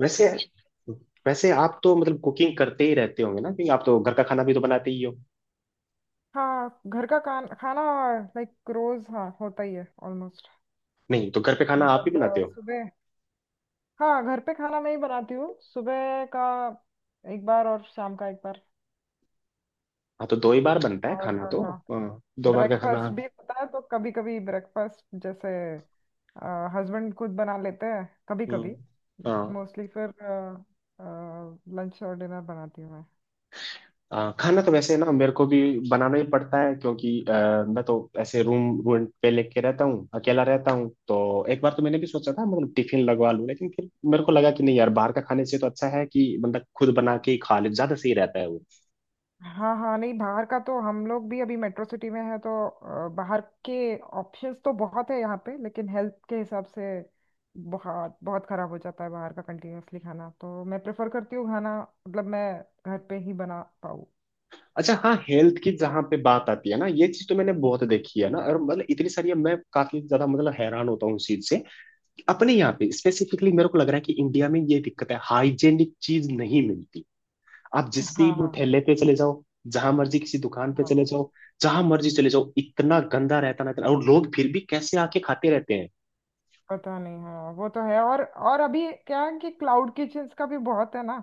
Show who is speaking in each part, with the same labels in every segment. Speaker 1: वैसे वैसे आप तो मतलब कुकिंग करते ही रहते होंगे ना, क्योंकि आप तो घर का खाना भी तो बनाते ही हो।
Speaker 2: हाँ घर का खाना। लाइक रोज, हाँ, होता ही है ऑलमोस्ट।
Speaker 1: नहीं तो घर पे खाना आप ही
Speaker 2: मतलब
Speaker 1: बनाते हो?
Speaker 2: सुबह। हाँ, घर पे खाना मैं ही बनाती हूँ, सुबह का एक बार और शाम का एक बार।
Speaker 1: हाँ, तो दो ही बार बनता है खाना तो।
Speaker 2: और
Speaker 1: हाँ, दो बार का खाना।
Speaker 2: ब्रेकफास्ट भी होता है तो कभी कभी ब्रेकफास्ट जैसे हस्बैंड खुद बना लेते हैं कभी
Speaker 1: हम्म,
Speaker 2: कभी। बट
Speaker 1: हाँ।
Speaker 2: मोस्टली फिर लंच और डिनर बनाती हूँ मैं।
Speaker 1: हाँ, खाना तो वैसे ना मेरे को भी बनाना ही पड़ता है, क्योंकि मैं तो ऐसे रूम रेंट पे लेके रहता हूँ, अकेला रहता हूँ, तो एक बार तो मैंने भी सोचा था मतलब टिफिन लगवा लूँ, लेकिन फिर मेरे को लगा कि नहीं यार, बाहर का खाने से तो अच्छा है कि बंदा खुद बना के ही खा ले, ज्यादा सही रहता है वो।
Speaker 2: हाँ हाँ, नहीं, बाहर का तो हम लोग भी अभी मेट्रो सिटी में है, तो बाहर के ऑप्शंस तो बहुत है यहाँ पे, लेकिन हेल्थ के हिसाब से बहुत बहुत खराब हो जाता है बाहर का कंटिन्यूअसली खाना, तो मैं प्रेफर करती हूँ खाना मतलब मैं घर पे ही बना पाऊँ।
Speaker 1: अच्छा, हाँ, हेल्थ की जहाँ पे बात आती है ना, ये चीज तो मैंने बहुत देखी है ना। और मतलब इतनी सारी, अब मैं काफी ज्यादा मतलब हैरान होता हूँ उस चीज से। अपने यहाँ पे स्पेसिफिकली मेरे को लग रहा है कि इंडिया में ये दिक्कत है, हाइजेनिक चीज नहीं मिलती। आप जिस भी
Speaker 2: हाँ
Speaker 1: वो
Speaker 2: हाँ हाँ।
Speaker 1: ठेले पे चले जाओ, जहां मर्जी किसी दुकान पे
Speaker 2: हाँ हाँ।
Speaker 1: चले जाओ, जहां मर्जी चले जाओ, इतना गंदा रहता ना इतना, और लोग फिर भी कैसे आके खाते रहते हैं।
Speaker 2: पता नहीं, हाँ, वो तो है। और अभी क्या है कि क्लाउड किचन्स का भी बहुत है ना,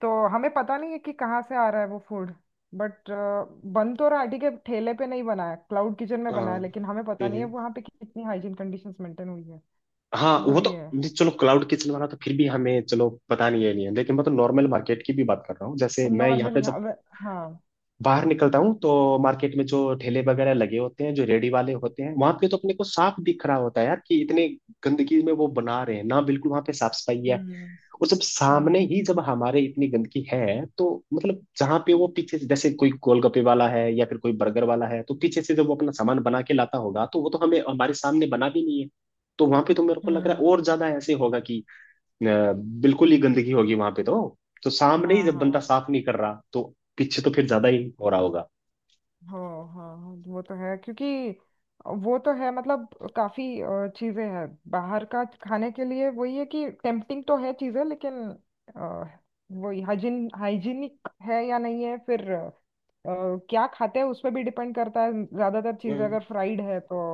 Speaker 2: तो हमें पता नहीं है कि कहाँ से आ रहा है वो फूड। बट बन तो राटी के ठेले पे नहीं बना है, क्लाउड किचन में बना
Speaker 1: हाँ।
Speaker 2: है, लेकिन हमें पता नहीं है
Speaker 1: हम्म।
Speaker 2: वहाँ पे कितनी हाइजीन कंडीशंस मेंटेन हुई है।
Speaker 1: हाँ,
Speaker 2: वो
Speaker 1: वो तो
Speaker 2: भी है
Speaker 1: नहीं, चलो क्लाउड किचन वाला तो फिर भी हमें चलो पता नहीं है नहीं है, लेकिन मैं तो नॉर्मल मार्केट की भी बात कर रहा हूँ। जैसे मैं यहाँ पे
Speaker 2: नॉर्मली। हाँ,
Speaker 1: जब
Speaker 2: हाँ।
Speaker 1: बाहर निकलता हूँ तो मार्केट में जो ठेले वगैरह लगे होते हैं, जो रेडी वाले होते हैं, वहां पे तो अपने को साफ दिख रहा होता है यार कि इतने गंदगी में वो बना रहे हैं ना, बिल्कुल वहां पे साफ सफाई है।
Speaker 2: हम्म।
Speaker 1: और जब सामने
Speaker 2: हम्म।
Speaker 1: ही जब हमारे इतनी गंदगी है तो मतलब जहाँ पे वो पीछे से, जैसे कोई गोलगप्पे वाला है या फिर कोई बर्गर वाला है, तो पीछे से जब वो अपना सामान बना के लाता होगा तो वो तो हमें हमारे सामने बना भी नहीं है। तो वहां पे तो मेरे को लग रहा
Speaker 2: हम्म।
Speaker 1: है और ज्यादा ऐसे होगा कि अ, बिल्कुल ही गंदगी होगी वहां पे तो। तो सामने ही
Speaker 2: हाँ
Speaker 1: जब बंदा
Speaker 2: हाँ
Speaker 1: साफ नहीं कर रहा तो पीछे तो फिर ज्यादा ही हो रहा होगा।
Speaker 2: हाँ हाँ, हाँ, वो तो है क्योंकि वो तो है, मतलब काफी चीजें हैं बाहर का खाने के लिए, वही है कि टेम्पटिंग तो है चीजें, लेकिन अ, वही हाइजीन, हाइजीनिक है या नहीं है, फिर क्या खाते हैं उस पर भी डिपेंड करता है। ज्यादातर चीजें
Speaker 1: हम्म।
Speaker 2: अगर फ्राइड है तो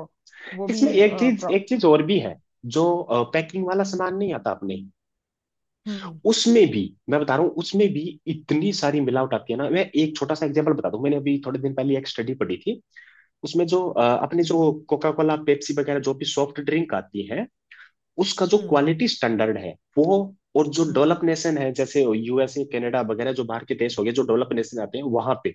Speaker 2: वो
Speaker 1: इसमें
Speaker 2: भी
Speaker 1: एक चीज एक चीज और भी है, जो पैकिंग वाला सामान नहीं आता आपने,
Speaker 2: हम्म।
Speaker 1: उसमें भी, मैं बता रहा हूँ उसमें भी इतनी सारी मिलावट आती है ना। मैं एक छोटा सा एग्जांपल बता दूं, मैंने अभी थोड़े दिन पहले एक स्टडी पढ़ी थी। उसमें जो अपने जो कोका कोला पेप्सी वगैरह जो भी सॉफ्ट ड्रिंक आती है, उसका जो
Speaker 2: हम्म।
Speaker 1: क्वालिटी स्टैंडर्ड है वो, और जो
Speaker 2: हम्म।
Speaker 1: डेवलप
Speaker 2: हम्म।
Speaker 1: नेशन है जैसे यूएसए कनाडा वगैरह, जो बाहर के देश हो गए, जो डेवलप नेशन आते हैं वहां पे,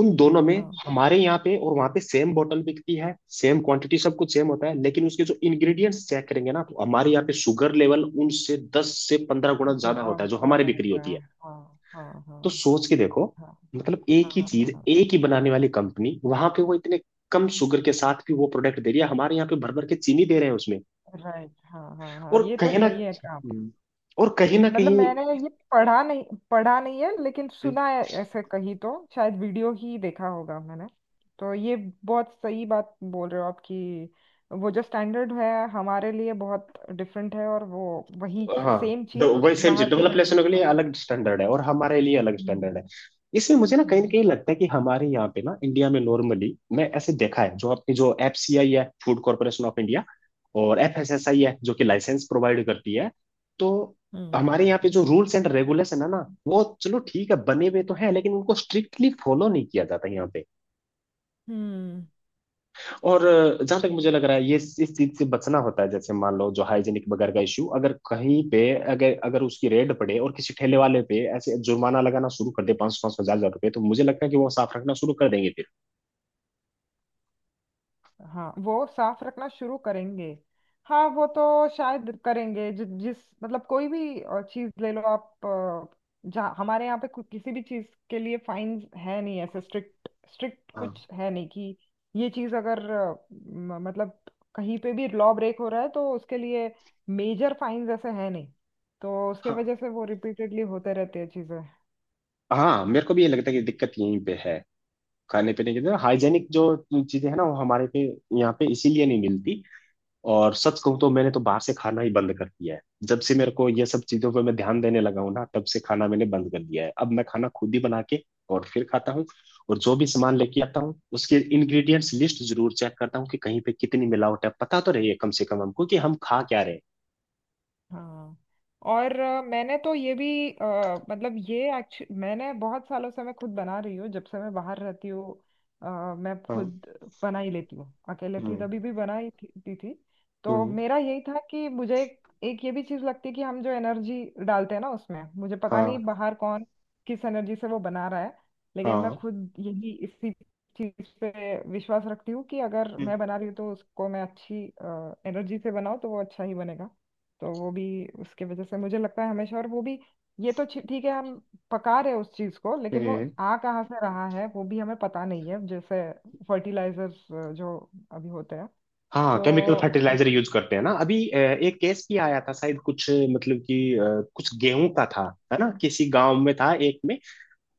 Speaker 1: उन दोनों में,
Speaker 2: हाँ,
Speaker 1: हमारे यहाँ पे और वहां पे सेम बोतल बिकती है, सेम क्वांटिटी सब कुछ सेम होता है, लेकिन उसके जो इंग्रेडिएंट्स चेक करेंगे ना, तो हमारे यहाँ पे शुगर लेवल उनसे 10 से 15 गुना ज्यादा
Speaker 2: बहुत
Speaker 1: होता है, जो हमारी
Speaker 2: ज्यादा
Speaker 1: बिक्री
Speaker 2: होता
Speaker 1: होती
Speaker 2: है।
Speaker 1: है।
Speaker 2: हाँ हाँ
Speaker 1: तो सोच के देखो,
Speaker 2: हाँ।
Speaker 1: मतलब एक ही
Speaker 2: हाँ,
Speaker 1: चीज,
Speaker 2: हाँ,
Speaker 1: एक ही बनाने वाली कंपनी, वहां पे वो इतने कम शुगर के साथ भी वो प्रोडक्ट दे रही है, हमारे यहाँ पे भर भर के चीनी दे रहे हैं उसमें।
Speaker 2: राइट, हाँ, right, हाँ हाँ हाँ,
Speaker 1: और
Speaker 2: ये तो
Speaker 1: कहीं ना
Speaker 2: सही है।
Speaker 1: और कहीं ना
Speaker 2: मतलब
Speaker 1: कहीं
Speaker 2: मैंने ये पढ़ा नहीं, पढ़ा नहीं है, लेकिन सुना है ऐसे कहीं, तो शायद वीडियो ही देखा होगा मैंने। तो ये बहुत सही बात बोल रहे हो आप कि वो जो स्टैंडर्ड है हमारे लिए बहुत डिफरेंट है, और वो वही
Speaker 1: हाँ,
Speaker 2: सेम
Speaker 1: तो
Speaker 2: चीज
Speaker 1: वही सेम चीज
Speaker 2: बाहर की
Speaker 1: डेवलप नेशनों
Speaker 2: कंट्रीज
Speaker 1: के
Speaker 2: में।
Speaker 1: लिए अलग स्टैंडर्ड है और हमारे लिए अलग
Speaker 2: हम्म।
Speaker 1: स्टैंडर्ड है। इसमें मुझे ना
Speaker 2: हम्म।
Speaker 1: कहीं लगता है कि हमारे यहाँ पे ना, इंडिया में, नॉर्मली मैं ऐसे देखा है, जो अपनी जो एफसीआई है, फूड कॉर्पोरेशन ऑफ इंडिया, और एफएसएसआई है जो कि लाइसेंस प्रोवाइड करती है, तो
Speaker 2: हम्म।
Speaker 1: हमारे यहाँ पे जो रूल्स एंड रेगुलेशन है ना, वो चलो ठीक है बने हुए तो है, लेकिन उनको स्ट्रिक्टली फॉलो नहीं किया जाता यहाँ पे।
Speaker 2: हम्म।
Speaker 1: और जहां तक मुझे लग रहा है, ये इस चीज से बचना होता है। जैसे मान लो, जो हाइजीनिक वगैरह का इशू, अगर कहीं पे अगर अगर उसकी रेड पड़े और किसी ठेले वाले पे ऐसे जुर्माना लगाना शुरू कर दे, 500, 5,000, 1,000 रुपए, तो मुझे लगता है कि वो साफ रखना शुरू कर देंगे फिर।
Speaker 2: हाँ, वो साफ रखना शुरू करेंगे। हाँ वो तो शायद करेंगे, जिस, मतलब कोई भी चीज ले लो आप, जहाँ हमारे यहाँ पे किसी भी चीज के लिए फाइन है नहीं, ऐसे स्ट्रिक्ट स्ट्रिक्ट
Speaker 1: हाँ,
Speaker 2: कुछ है नहीं कि ये चीज अगर मतलब कहीं पे भी लॉ ब्रेक हो रहा है तो उसके लिए मेजर फाइन ऐसे है नहीं, तो उसके
Speaker 1: हाँ।
Speaker 2: वजह से वो रिपीटेडली होते रहते हैं चीजें।
Speaker 1: हाँ, मेरे को भी ये लगता है कि दिक्कत यहीं पे है। खाने पीने की हाइजेनिक जो चीजें है ना, वो हमारे पे, यहाँ पे इसीलिए नहीं मिलती। और सच कहूँ तो मैंने तो बाहर से खाना ही बंद कर दिया है। जब से मेरे को ये सब चीजों पे मैं ध्यान देने लगा हूँ ना, तब से खाना मैंने बंद कर दिया है। अब मैं खाना खुद ही बना के और फिर खाता हूँ, और जो भी सामान लेके आता हूँ उसके इंग्रेडिएंट्स लिस्ट जरूर चेक करता हूँ कि कहीं पे कितनी मिलावट है, पता तो रही है कम से कम हमको कि हम खा क्या रहे हैं।
Speaker 2: हाँ। और मैंने तो ये भी अ, मतलब ये एक्चुअली मैंने बहुत सालों से मैं खुद बना रही हूँ, जब से मैं बाहर रहती हूँ, मैं
Speaker 1: हाँ।
Speaker 2: खुद बना ही लेती हूँ। अकेले थी
Speaker 1: हम्म।
Speaker 2: तभी भी बना ही थी। तो
Speaker 1: हम्म।
Speaker 2: मेरा यही था कि मुझे एक ये भी चीज़ लगती है कि हम जो एनर्जी डालते हैं ना उसमें, मुझे पता
Speaker 1: हाँ,
Speaker 2: नहीं बाहर कौन किस एनर्जी से वो बना रहा है। लेकिन मैं
Speaker 1: हाँ।
Speaker 2: खुद यही इसी चीज़ पे विश्वास रखती हूँ कि अगर
Speaker 1: हम्म,
Speaker 2: मैं बना रही हूँ तो उसको मैं अच्छी एनर्जी से बनाऊँ तो वो अच्छा ही बनेगा। तो वो भी उसके वजह से मुझे लगता है हमेशा। और वो भी ये तो ठीक है, हम पका रहे हैं उस चीज को, लेकिन वो
Speaker 1: हम्म।
Speaker 2: आ कहाँ से रहा है वो भी हमें पता नहीं है, जैसे फर्टिलाइजर्स जो अभी होते हैं।
Speaker 1: हाँ,
Speaker 2: तो
Speaker 1: केमिकल फर्टिलाइजर यूज करते हैं ना अभी। एक केस भी आया था शायद, कुछ मतलब कि कुछ गेहूं का था, है ना, किसी गांव में था एक में,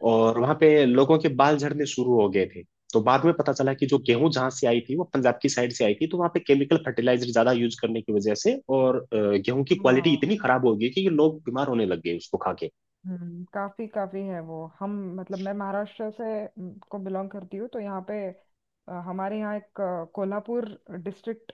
Speaker 1: और वहां पे लोगों के बाल झड़ने शुरू हो गए थे। तो बाद में पता चला कि जो गेहूं जहां से आई थी वो पंजाब की साइड से आई थी, तो वहां पे केमिकल फर्टिलाइजर ज्यादा यूज करने की वजह से, और गेहूं की क्वालिटी
Speaker 2: हाँ।
Speaker 1: इतनी खराब हो गई कि ये लोग बीमार होने लग गए उसको खा के।
Speaker 2: हम्म, काफी काफी है वो हम, मतलब मैं महाराष्ट्र से को बिलोंग करती हूँ, तो यहाँ पे हमारे यहाँ एक कोल्हापुर डिस्ट्रिक्ट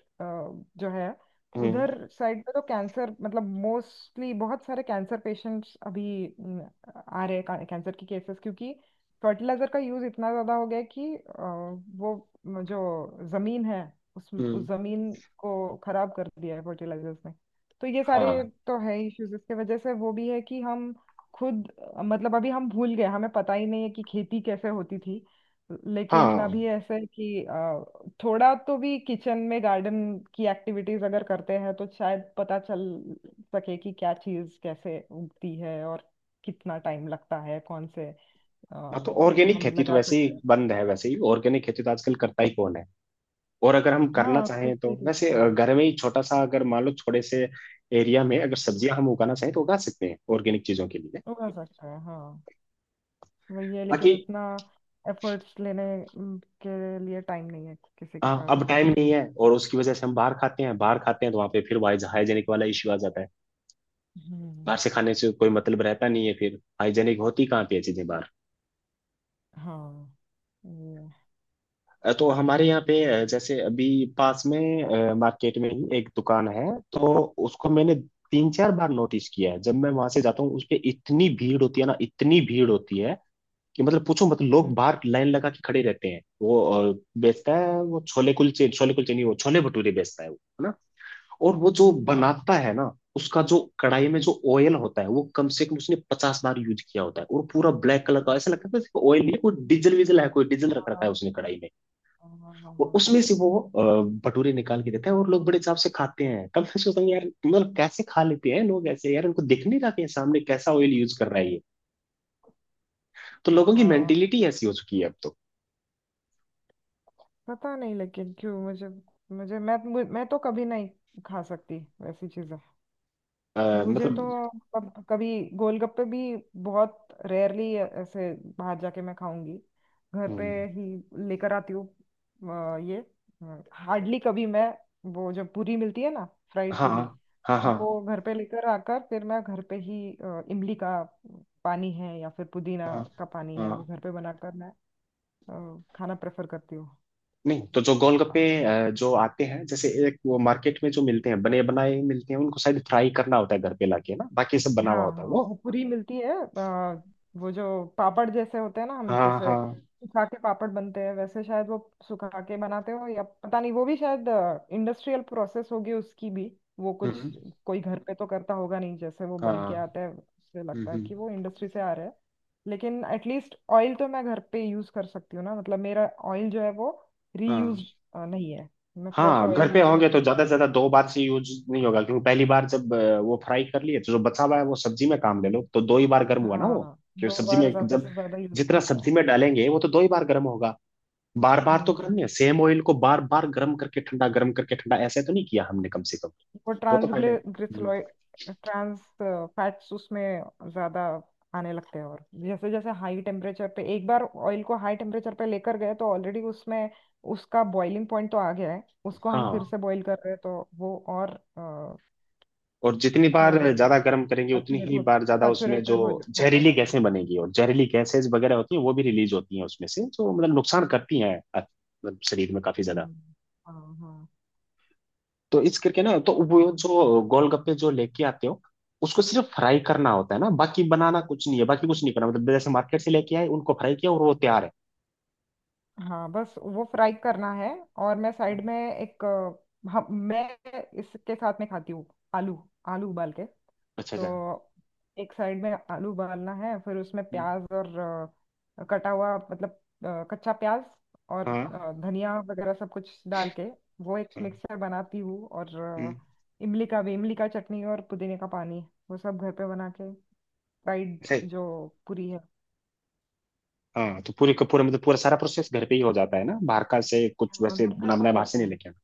Speaker 2: जो है,
Speaker 1: हम्म।
Speaker 2: उधर साइड पे तो कैंसर, मतलब मोस्टली बहुत सारे कैंसर पेशेंट्स अभी आ रहे हैं, कैंसर की केसेस, क्योंकि फर्टिलाइजर का यूज इतना ज्यादा हो गया है कि वो जो जमीन है, उस
Speaker 1: हम्म।
Speaker 2: जमीन को खराब कर दिया है फर्टिलाइजर्स ने। तो ये सारे
Speaker 1: हाँ,
Speaker 2: तो है इश्यूज, इसके वजह से वो भी है कि हम खुद, मतलब अभी हम भूल गए, हमें पता ही नहीं है कि खेती कैसे होती थी। लेकिन
Speaker 1: हाँ।
Speaker 2: अभी ऐसा है कि थोड़ा तो भी किचन में गार्डन की एक्टिविटीज अगर करते हैं तो शायद पता चल सके कि क्या चीज कैसे उगती है और कितना टाइम लगता है कौन से
Speaker 1: हाँ, तो ऑर्गेनिक
Speaker 2: हम
Speaker 1: खेती तो
Speaker 2: लगा
Speaker 1: वैसे ही
Speaker 2: सकते हैं।
Speaker 1: बंद है, वैसे ही ऑर्गेनिक खेती तो आजकल करता ही कौन है। और अगर हम करना
Speaker 2: हाँ, खुद
Speaker 1: चाहें
Speaker 2: से
Speaker 1: तो
Speaker 2: ही करता
Speaker 1: वैसे
Speaker 2: नहीं है।
Speaker 1: घर में ही छोटा सा, अगर मान लो थोड़े से एरिया में अगर सब्जियां हम उगाना चाहें तो उगा सकते हैं ऑर्गेनिक चीजों के लिए।
Speaker 2: उगा सकता है, हाँ, वही है, लेकिन
Speaker 1: बाकी
Speaker 2: उतना एफर्ट्स लेने अम, के लिए टाइम नहीं है किसी के
Speaker 1: हाँ,
Speaker 2: पास
Speaker 1: अब
Speaker 2: अभी।
Speaker 1: टाइम नहीं है, और उसकी वजह से हम बाहर खाते हैं, बाहर खाते हैं तो वहां पे फिर वाइज हाइजेनिक वाला इश्यू आ जाता है।
Speaker 2: हम्म।
Speaker 1: बाहर से खाने से कोई मतलब रहता नहीं है, फिर हाइजेनिक होती कहाँ पे है चीजें बाहर।
Speaker 2: हाँ। ये।
Speaker 1: तो हमारे यहाँ पे, जैसे अभी पास में मार्केट में ही एक दुकान है, तो उसको मैंने 3 4 बार नोटिस किया है। जब मैं वहां से जाता हूँ उस पे इतनी भीड़ होती है ना, इतनी भीड़ होती है कि मतलब पूछो, मतलब लोग
Speaker 2: हम्म।
Speaker 1: बाहर लाइन लगा के खड़े रहते हैं। वो अ, बेचता है वो छोले कुलचे, छोले कुलचे नहीं, वो छोले भटूरे बेचता है वो, है ना। और वो
Speaker 2: हम्म।
Speaker 1: जो
Speaker 2: हम्म। हम्म। हम्म।
Speaker 1: बनाता है ना, उसका जो कढ़ाई में जो ऑयल होता है, वो कम से कम उसने 50 बार यूज किया होता है, और पूरा ब्लैक कलर का
Speaker 2: हाँ
Speaker 1: ऐसा लगता है ऑयल नहीं है, कोई डीजल वीजल है, कोई डीजल रख रखा है
Speaker 2: हाँ
Speaker 1: उसने कढ़ाई में।
Speaker 2: हाँ, हाँ,
Speaker 1: और
Speaker 2: हाँ,
Speaker 1: उसमें से वो अ, भटूरे निकाल के देता है, और लोग बड़े चाव से खाते हैं। तब मैं सोचता हूँ यार, मतलब कैसे खा लेते हैं लोग ऐसे यार, उनको देखने जाते हैं सामने कैसा ऑयल यूज कर रहा है ये। तो लोगों की
Speaker 2: हाँ।
Speaker 1: मेंटेलिटी ऐसी हो चुकी है अब तो।
Speaker 2: पता नहीं, लेकिन क्यों मुझे, मैं तो कभी नहीं खा सकती वैसी चीजें।
Speaker 1: अ,
Speaker 2: मुझे
Speaker 1: मतलब।
Speaker 2: तो, मतलब कभी गोलगप्पे भी बहुत रेयरली ऐसे बाहर जाके मैं खाऊंगी, घर पे
Speaker 1: हम्म,
Speaker 2: ही लेकर आती हूँ। ये हार्डली कभी मैं, वो जो पूरी मिलती है ना, फ्राइड
Speaker 1: हाँ,
Speaker 2: पूरी,
Speaker 1: हाँ, हाँ,
Speaker 2: वो घर पे लेकर आकर फिर मैं घर पे ही इमली का पानी है या फिर पुदीना
Speaker 1: हाँ,
Speaker 2: का पानी है, वो
Speaker 1: हाँ।
Speaker 2: घर पे बनाकर मैं खाना प्रेफर करती हूँ।
Speaker 1: नहीं तो जो गोलगप्पे जो आते हैं जैसे, एक वो मार्केट में जो मिलते हैं, बने बनाए ही मिलते हैं, उनको शायद फ्राई करना होता है घर पे लाके ना, बाकी सब बना
Speaker 2: हाँ
Speaker 1: हुआ होता है
Speaker 2: हाँ,
Speaker 1: वो।
Speaker 2: वो पूरी मिलती है वो जो पापड़ जैसे होते हैं ना, हम
Speaker 1: हाँ,
Speaker 2: जैसे
Speaker 1: हाँ।
Speaker 2: सुखा के पापड़ बनते हैं, वैसे शायद वो सुखा के बनाते हो या पता नहीं, वो भी शायद इंडस्ट्रियल प्रोसेस होगी उसकी भी। वो कुछ,
Speaker 1: हम्म।
Speaker 2: कोई घर पे तो करता होगा नहीं, जैसे वो बन
Speaker 1: हाँ।
Speaker 2: के आता है उससे
Speaker 1: हम्म।
Speaker 2: लगता है
Speaker 1: हम्म।
Speaker 2: कि वो इंडस्ट्री से आ रहा है। लेकिन एटलीस्ट ऑयल तो मैं घर पे यूज कर सकती हूँ ना, मतलब मेरा ऑयल जो है वो
Speaker 1: हाँ,
Speaker 2: रीयूज नहीं है, मैं फ्रेश
Speaker 1: हाँ,
Speaker 2: ऑयल
Speaker 1: घर पे
Speaker 2: यूज कर।
Speaker 1: होंगे तो ज्यादा से ज्यादा 2 बार से यूज नहीं होगा, क्योंकि पहली बार जब वो फ्राई कर लिए, तो जो बचा हुआ है वो सब्जी में काम ले लो, तो दो ही बार गर्म हुआ ना वो।
Speaker 2: हाँ,
Speaker 1: क्योंकि
Speaker 2: दो
Speaker 1: सब्जी में
Speaker 2: बार ज्यादा
Speaker 1: जब,
Speaker 2: से ज्यादा यूज
Speaker 1: जितना
Speaker 2: करता हूँ।
Speaker 1: सब्जी में डालेंगे वो तो दो ही बार गर्म होगा। बार बार तो गर्म
Speaker 2: हम्म।
Speaker 1: नहीं है, सेम ऑयल को बार बार गर्म करके ठंडा, गर्म करके ठंडा, ऐसे तो नहीं किया हमने कम से कम।
Speaker 2: वो
Speaker 1: वो तो फायदा है।
Speaker 2: ट्रांसग्लिसराइड, ट्रांस फैट्स उसमें ज्यादा आने लगते हैं, और जैसे जैसे हाई टेम्परेचर पे, एक बार ऑयल को हाई टेम्परेचर पे लेकर गए तो ऑलरेडी उसमें उसका बॉइलिंग पॉइंट तो आ गया है, उसको हम फिर
Speaker 1: हाँ।
Speaker 2: से बॉईल कर रहे हैं तो वो और अ,
Speaker 1: और जितनी बार
Speaker 2: खराब होते
Speaker 1: ज्यादा
Speaker 2: जाता,
Speaker 1: गर्म करेंगे उतनी ही बार ज्यादा उसमें जो
Speaker 2: सैचुरेटेड होता
Speaker 1: जहरीली
Speaker 2: जाता है।
Speaker 1: गैसें बनेगी, और जहरीली गैसेज वगैरह होती हैं वो भी रिलीज होती हैं उसमें से, जो मतलब नुकसान करती हैं अ-, मतलब शरीर में काफी ज्यादा।
Speaker 2: हम्म। हाँ हाँ
Speaker 1: तो इस करके ना, तो वो जो गोलगप्पे जो लेके आते हो, उसको सिर्फ फ्राई करना होता है ना, बाकी बनाना कुछ नहीं है, बाकी कुछ नहीं करना, मतलब जैसे मार्केट से लेके आए, उनको फ्राई किया और वो तैयार है।
Speaker 2: हाँ, बस वो फ्राई करना है, और मैं
Speaker 1: हाँ,
Speaker 2: साइड में एक मैं इसके साथ में खाती हूँ आलू। आलू उबाल के,
Speaker 1: अच्छा अच्छा।
Speaker 2: तो एक साइड में आलू उबालना है, फिर उसमें
Speaker 1: हम्म।
Speaker 2: प्याज और कटा हुआ, मतलब कच्चा प्याज, और
Speaker 1: हाँ,
Speaker 2: धनिया वगैरह सब कुछ डाल के वो एक
Speaker 1: हाँ।
Speaker 2: मिक्सर बनाती हूँ। और
Speaker 1: हम्म।
Speaker 2: इमली का चटनी और पुदीने का पानी, वो सब घर पे बना के, फ्राइड
Speaker 1: सही।
Speaker 2: जो पूरी है।
Speaker 1: हाँ, तो पूरी का पूरा, मतलब पूरा सारा प्रोसेस घर पे ही हो जाता है ना, बाहर का से कुछ
Speaker 2: हाँ,
Speaker 1: वैसे
Speaker 2: घर पे
Speaker 1: बना
Speaker 2: हो
Speaker 1: बनाया बाहर से
Speaker 2: जाता
Speaker 1: नहीं
Speaker 2: है।
Speaker 1: लेके आना।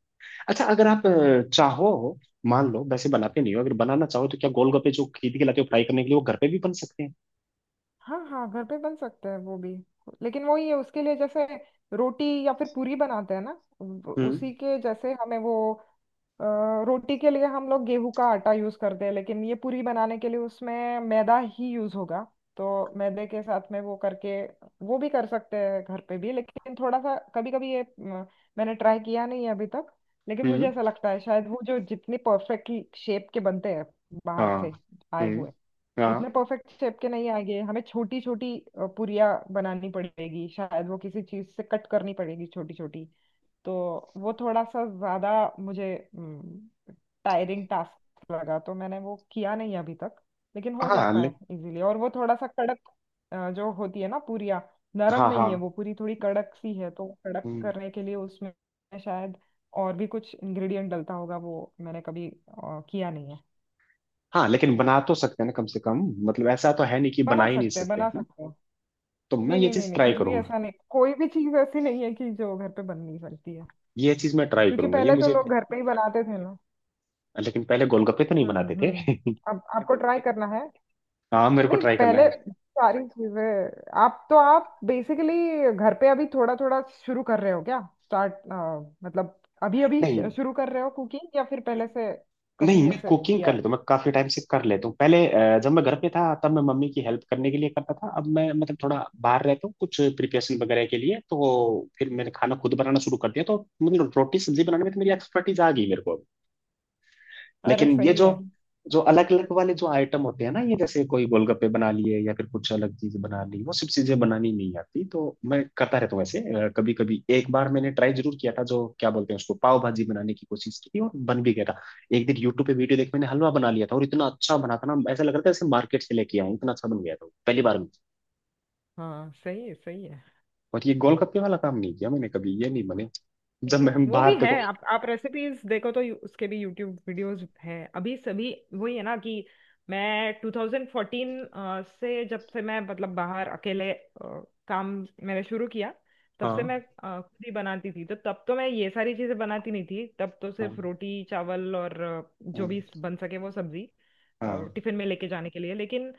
Speaker 1: अच्छा, अगर आप
Speaker 2: हम्म।
Speaker 1: चाहो, मान लो वैसे बनाते नहीं हो, अगर बनाना चाहो तो क्या गोलगप्पे जो खरीद के लाते हो फ्राई करने के लिए, वो घर पे भी बन सकते हैं?
Speaker 2: हाँ हाँ, घर पे बन सकता है वो भी, लेकिन वही है उसके लिए, जैसे रोटी या फिर पूरी बनाते हैं ना,
Speaker 1: हम्म।
Speaker 2: उसी के जैसे हमें वो अ, रोटी के लिए हम लोग गेहूं का आटा यूज करते हैं, लेकिन ये पूरी बनाने के लिए उसमें मैदा ही यूज होगा, तो मैदे के साथ में वो करके वो भी कर सकते हैं घर पे भी, लेकिन थोड़ा सा कभी कभी ये मैंने ट्राई किया नहीं है अभी तक। लेकिन मुझे
Speaker 1: हम्म।
Speaker 2: ऐसा लगता है शायद वो जो जितने परफेक्ट शेप के बनते हैं बाहर
Speaker 1: हाँ।
Speaker 2: से आए
Speaker 1: हम्म।
Speaker 2: हुए,
Speaker 1: हाँ।
Speaker 2: उतने परफेक्ट शेप के नहीं आएंगे, हमें छोटी छोटी पुरिया बनानी पड़ेगी, शायद वो किसी चीज से कट करनी पड़ेगी छोटी छोटी, तो वो थोड़ा सा ज्यादा मुझे टायरिंग टास्क लगा तो मैंने वो किया नहीं अभी तक, लेकिन हो
Speaker 1: हाँ
Speaker 2: सकता
Speaker 1: ले,
Speaker 2: है इजीली। और वो थोड़ा सा कड़क जो होती है ना पुरिया, नरम
Speaker 1: हाँ,
Speaker 2: नहीं है
Speaker 1: हाँ।
Speaker 2: वो पूरी, थोड़ी कड़क सी है, तो कड़क
Speaker 1: हम्म।
Speaker 2: करने के लिए उसमें शायद और भी कुछ इंग्रेडिएंट डलता होगा, वो मैंने कभी किया नहीं है।
Speaker 1: हाँ, लेकिन बना तो सकते हैं ना कम से कम, मतलब ऐसा तो है नहीं कि बना
Speaker 2: बना
Speaker 1: ही नहीं
Speaker 2: सकते हैं,
Speaker 1: सकते, है
Speaker 2: बना
Speaker 1: ना?
Speaker 2: सकते हैं।
Speaker 1: तो मैं
Speaker 2: नहीं
Speaker 1: ये
Speaker 2: नहीं नहीं
Speaker 1: चीज
Speaker 2: नहीं,
Speaker 1: ट्राई
Speaker 2: कुछ भी
Speaker 1: करूंगा।
Speaker 2: ऐसा नहीं, कोई भी चीज ऐसी नहीं है कि जो घर पे बन नहीं सकती है,
Speaker 1: ये चीज मैं ट्राई
Speaker 2: क्योंकि
Speaker 1: करूंगा, ये
Speaker 2: पहले तो
Speaker 1: मुझे।
Speaker 2: लोग घर पे ही बनाते थे ना।
Speaker 1: लेकिन पहले गोलगप्पे तो नहीं बनाते थे।
Speaker 2: हम्म। अब आपको ट्राई करना है।
Speaker 1: हाँ, मेरे को
Speaker 2: नहीं,
Speaker 1: ट्राई करना
Speaker 2: पहले
Speaker 1: है।
Speaker 2: सारी चीजें, आप तो आप बेसिकली घर पे अभी थोड़ा थोड़ा शुरू कर रहे हो क्या, स्टार्ट, मतलब अभी अभी
Speaker 1: नहीं
Speaker 2: शुरू कर रहे हो कुकिंग या फिर पहले से
Speaker 1: नहीं
Speaker 2: कभी
Speaker 1: मैं
Speaker 2: ऐसे
Speaker 1: कुकिंग
Speaker 2: किया
Speaker 1: कर
Speaker 2: है?
Speaker 1: लेता हूँ, मैं काफी टाइम से कर लेता हूँ। पहले जब मैं घर पे था तब मैं मम्मी की हेल्प करने के लिए करता था। अब मैं मतलब थोड़ा बाहर रहता हूँ कुछ प्रिपरेशन वगैरह के लिए, तो फिर मैंने खाना खुद बनाना शुरू कर दिया। तो मतलब रोटी सब्जी बनाने में तो मेरी एक्सपर्टीज आ गई मेरे को।
Speaker 2: अरे
Speaker 1: लेकिन ये
Speaker 2: सही
Speaker 1: जो,
Speaker 2: है,
Speaker 1: जो
Speaker 2: मतलब
Speaker 1: अलग अलग वाले जो आइटम होते हैं ना, ये जैसे कोई गोलगप्पे बना लिए या फिर कुछ अलग चीज बना ली, वो सब चीजें बनानी नहीं आती, तो मैं करता रहता हूँ ऐसे कभी कभी। एक बार मैंने ट्राई जरूर किया था, जो क्या बोलते हैं उसको, पाव भाजी बनाने की कोशिश की थी, और बन भी गया था। एक दिन यूट्यूब पे वीडियो देख मैंने हलवा बना लिया था, और इतना अच्छा बना था ना, ऐसा लग रहा था जैसे मार्केट से लेके आया हूं, इतना अच्छा बन गया था वो, पहली बार में।
Speaker 2: हाँ सही है सही है।
Speaker 1: और ये गोलगप्पे वाला काम नहीं किया मैंने कभी, ये नहीं बने। जब
Speaker 2: सही है।
Speaker 1: मैं हम
Speaker 2: वो
Speaker 1: बाहर
Speaker 2: भी
Speaker 1: देखो।
Speaker 2: है। आप रेसिपीज देखो तो उसके भी यूट्यूब वीडियोस हैं अभी, सभी वही है ना कि मैं 2014 से, जब से मैं, मतलब बाहर अकेले काम मैंने शुरू किया, तब से मैं
Speaker 1: हाँ,
Speaker 2: खुद ही बनाती थी, तो तब तो मैं ये सारी चीजें बनाती नहीं थी, तब तो सिर्फ
Speaker 1: हाँ,
Speaker 2: रोटी चावल और जो भी
Speaker 1: हाँ,
Speaker 2: बन सके वो सब्जी अ,
Speaker 1: हाँ,
Speaker 2: टिफिन में लेके जाने के लिए। लेकिन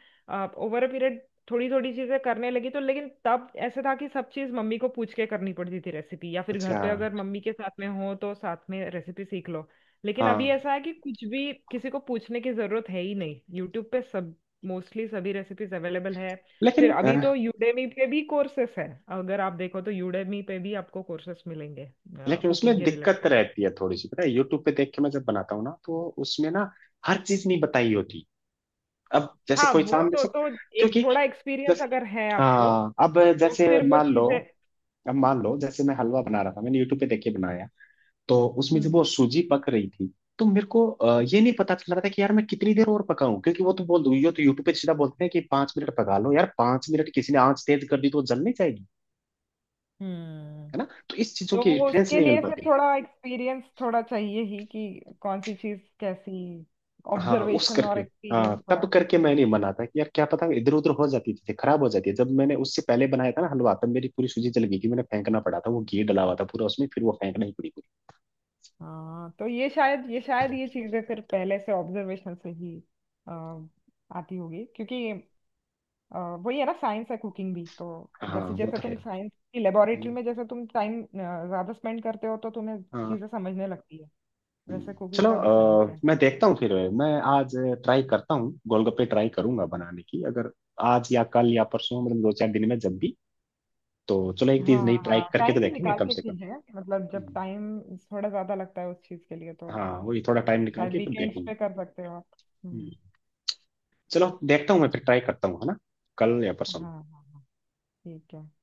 Speaker 2: ओवर अ पीरियड थोड़ी थोड़ी चीजें करने लगी तो, लेकिन तब ऐसे था कि सब चीज मम्मी को पूछ के करनी पड़ती थी रेसिपी, या फिर घर
Speaker 1: अच्छा,
Speaker 2: पे अगर मम्मी के साथ में हो तो साथ में रेसिपी सीख लो। लेकिन अभी
Speaker 1: हाँ।
Speaker 2: ऐसा है कि कुछ भी किसी को पूछने की जरूरत है ही नहीं, यूट्यूब पे सब, मोस्टली सभी रेसिपीज अवेलेबल है। फिर
Speaker 1: लेकिन
Speaker 2: अभी तो यूडेमी पे भी कोर्सेस है, अगर आप देखो तो यूडेमी पे भी आपको कोर्सेस मिलेंगे
Speaker 1: लेकिन
Speaker 2: कुकिंग
Speaker 1: उसमें
Speaker 2: के
Speaker 1: दिक्कत
Speaker 2: रिलेटेड।
Speaker 1: रहती है थोड़ी सी, पता है यूट्यूब पे देख के मैं जब बनाता हूँ ना, तो उसमें ना हर चीज नहीं बताई होती। अब जैसे
Speaker 2: हाँ
Speaker 1: कोई
Speaker 2: वो
Speaker 1: सामने
Speaker 2: तो
Speaker 1: से,
Speaker 2: तो एक
Speaker 1: क्योंकि
Speaker 2: थोड़ा एक्सपीरियंस
Speaker 1: जैसे,
Speaker 2: अगर है आपको
Speaker 1: हाँ अब
Speaker 2: तो
Speaker 1: जैसे
Speaker 2: फिर वो
Speaker 1: मान लो,
Speaker 2: चीजें।
Speaker 1: अब मान लो जैसे मैं हलवा बना रहा था, मैंने यूट्यूब पे देख के बनाया, तो उसमें जब
Speaker 2: हम्म
Speaker 1: वो सूजी पक रही थी, तो मेरे को ये नहीं पता चल रहा था कि यार मैं कितनी देर और पकाऊं, क्योंकि वो तो बोल दो, ये तो यूट्यूब पे सीधा बोलते हैं कि 5 मिनट पका लो यार, 5 मिनट किसी ने आंच तेज कर दी तो वो जल नहीं जाएगी,
Speaker 2: हम्म।
Speaker 1: है ना? तो इस चीजों
Speaker 2: तो
Speaker 1: की
Speaker 2: वो
Speaker 1: रेफरेंस
Speaker 2: उसके
Speaker 1: नहीं मिल
Speaker 2: लिए फिर
Speaker 1: पाती।
Speaker 2: थोड़ा एक्सपीरियंस थोड़ा चाहिए ही कि कौन सी चीज कैसी,
Speaker 1: हाँ, उस
Speaker 2: ऑब्जर्वेशन और
Speaker 1: करके,
Speaker 2: एक्सपीरियंस
Speaker 1: हाँ तब
Speaker 2: थोड़ा।
Speaker 1: करके मैं नहीं बना, था कि यार क्या पता इधर उधर हो जाती थी, खराब हो जाती है। जब मैंने उससे पहले बनाया था ना हलवा, तब मेरी पूरी सूजी जल गई थी, मैंने फेंकना पड़ा था, वो घी डला हुआ था पूरा उसमें, फिर वो फेंकना ही पड़ी पूरी।
Speaker 2: हाँ तो ये शायद ये चीजें फिर पहले से ऑब्जर्वेशन से ही अ, आती होगी, क्योंकि अ, वही है ना, साइंस है कुकिंग भी तो।
Speaker 1: हाँ,
Speaker 2: जैसे
Speaker 1: वो
Speaker 2: जैसे
Speaker 1: तो है।
Speaker 2: तुम साइंस की लेबोरेटरी
Speaker 1: हम्म,
Speaker 2: में, जैसे तुम टाइम ज्यादा स्पेंड करते हो, तो तुम्हें
Speaker 1: हाँ।
Speaker 2: चीजें समझने लगती है,
Speaker 1: हम्म।
Speaker 2: वैसे कुकिंग
Speaker 1: चलो
Speaker 2: का भी साइंस है।
Speaker 1: मैं देखता हूँ फिर, मैं आज ट्राई करता हूँ, गोलगप्पे ट्राई करूंगा बनाने की, अगर आज या कल या परसों, मतलब 2 4 दिन में जब भी। तो चलो एक चीज
Speaker 2: हाँ
Speaker 1: नई ट्राई
Speaker 2: हाँ,
Speaker 1: करके तो
Speaker 2: टाइम
Speaker 1: देखेंगे
Speaker 2: निकाल
Speaker 1: कम
Speaker 2: के
Speaker 1: से कम।
Speaker 2: चीजें, मतलब जब
Speaker 1: हम्म।
Speaker 2: टाइम थोड़ा ज्यादा लगता है उस चीज के लिए तो,
Speaker 1: हाँ, वही थोड़ा टाइम निकाल
Speaker 2: शायद
Speaker 1: के फिर
Speaker 2: वीकेंड्स
Speaker 1: देखेंगे।
Speaker 2: पे कर सकते हो आप। हम्म।
Speaker 1: चलो देखता हूँ, मैं फिर ट्राई करता हूँ, है ना, कल या परसों में।
Speaker 2: हाँ हाँ, ठीक है।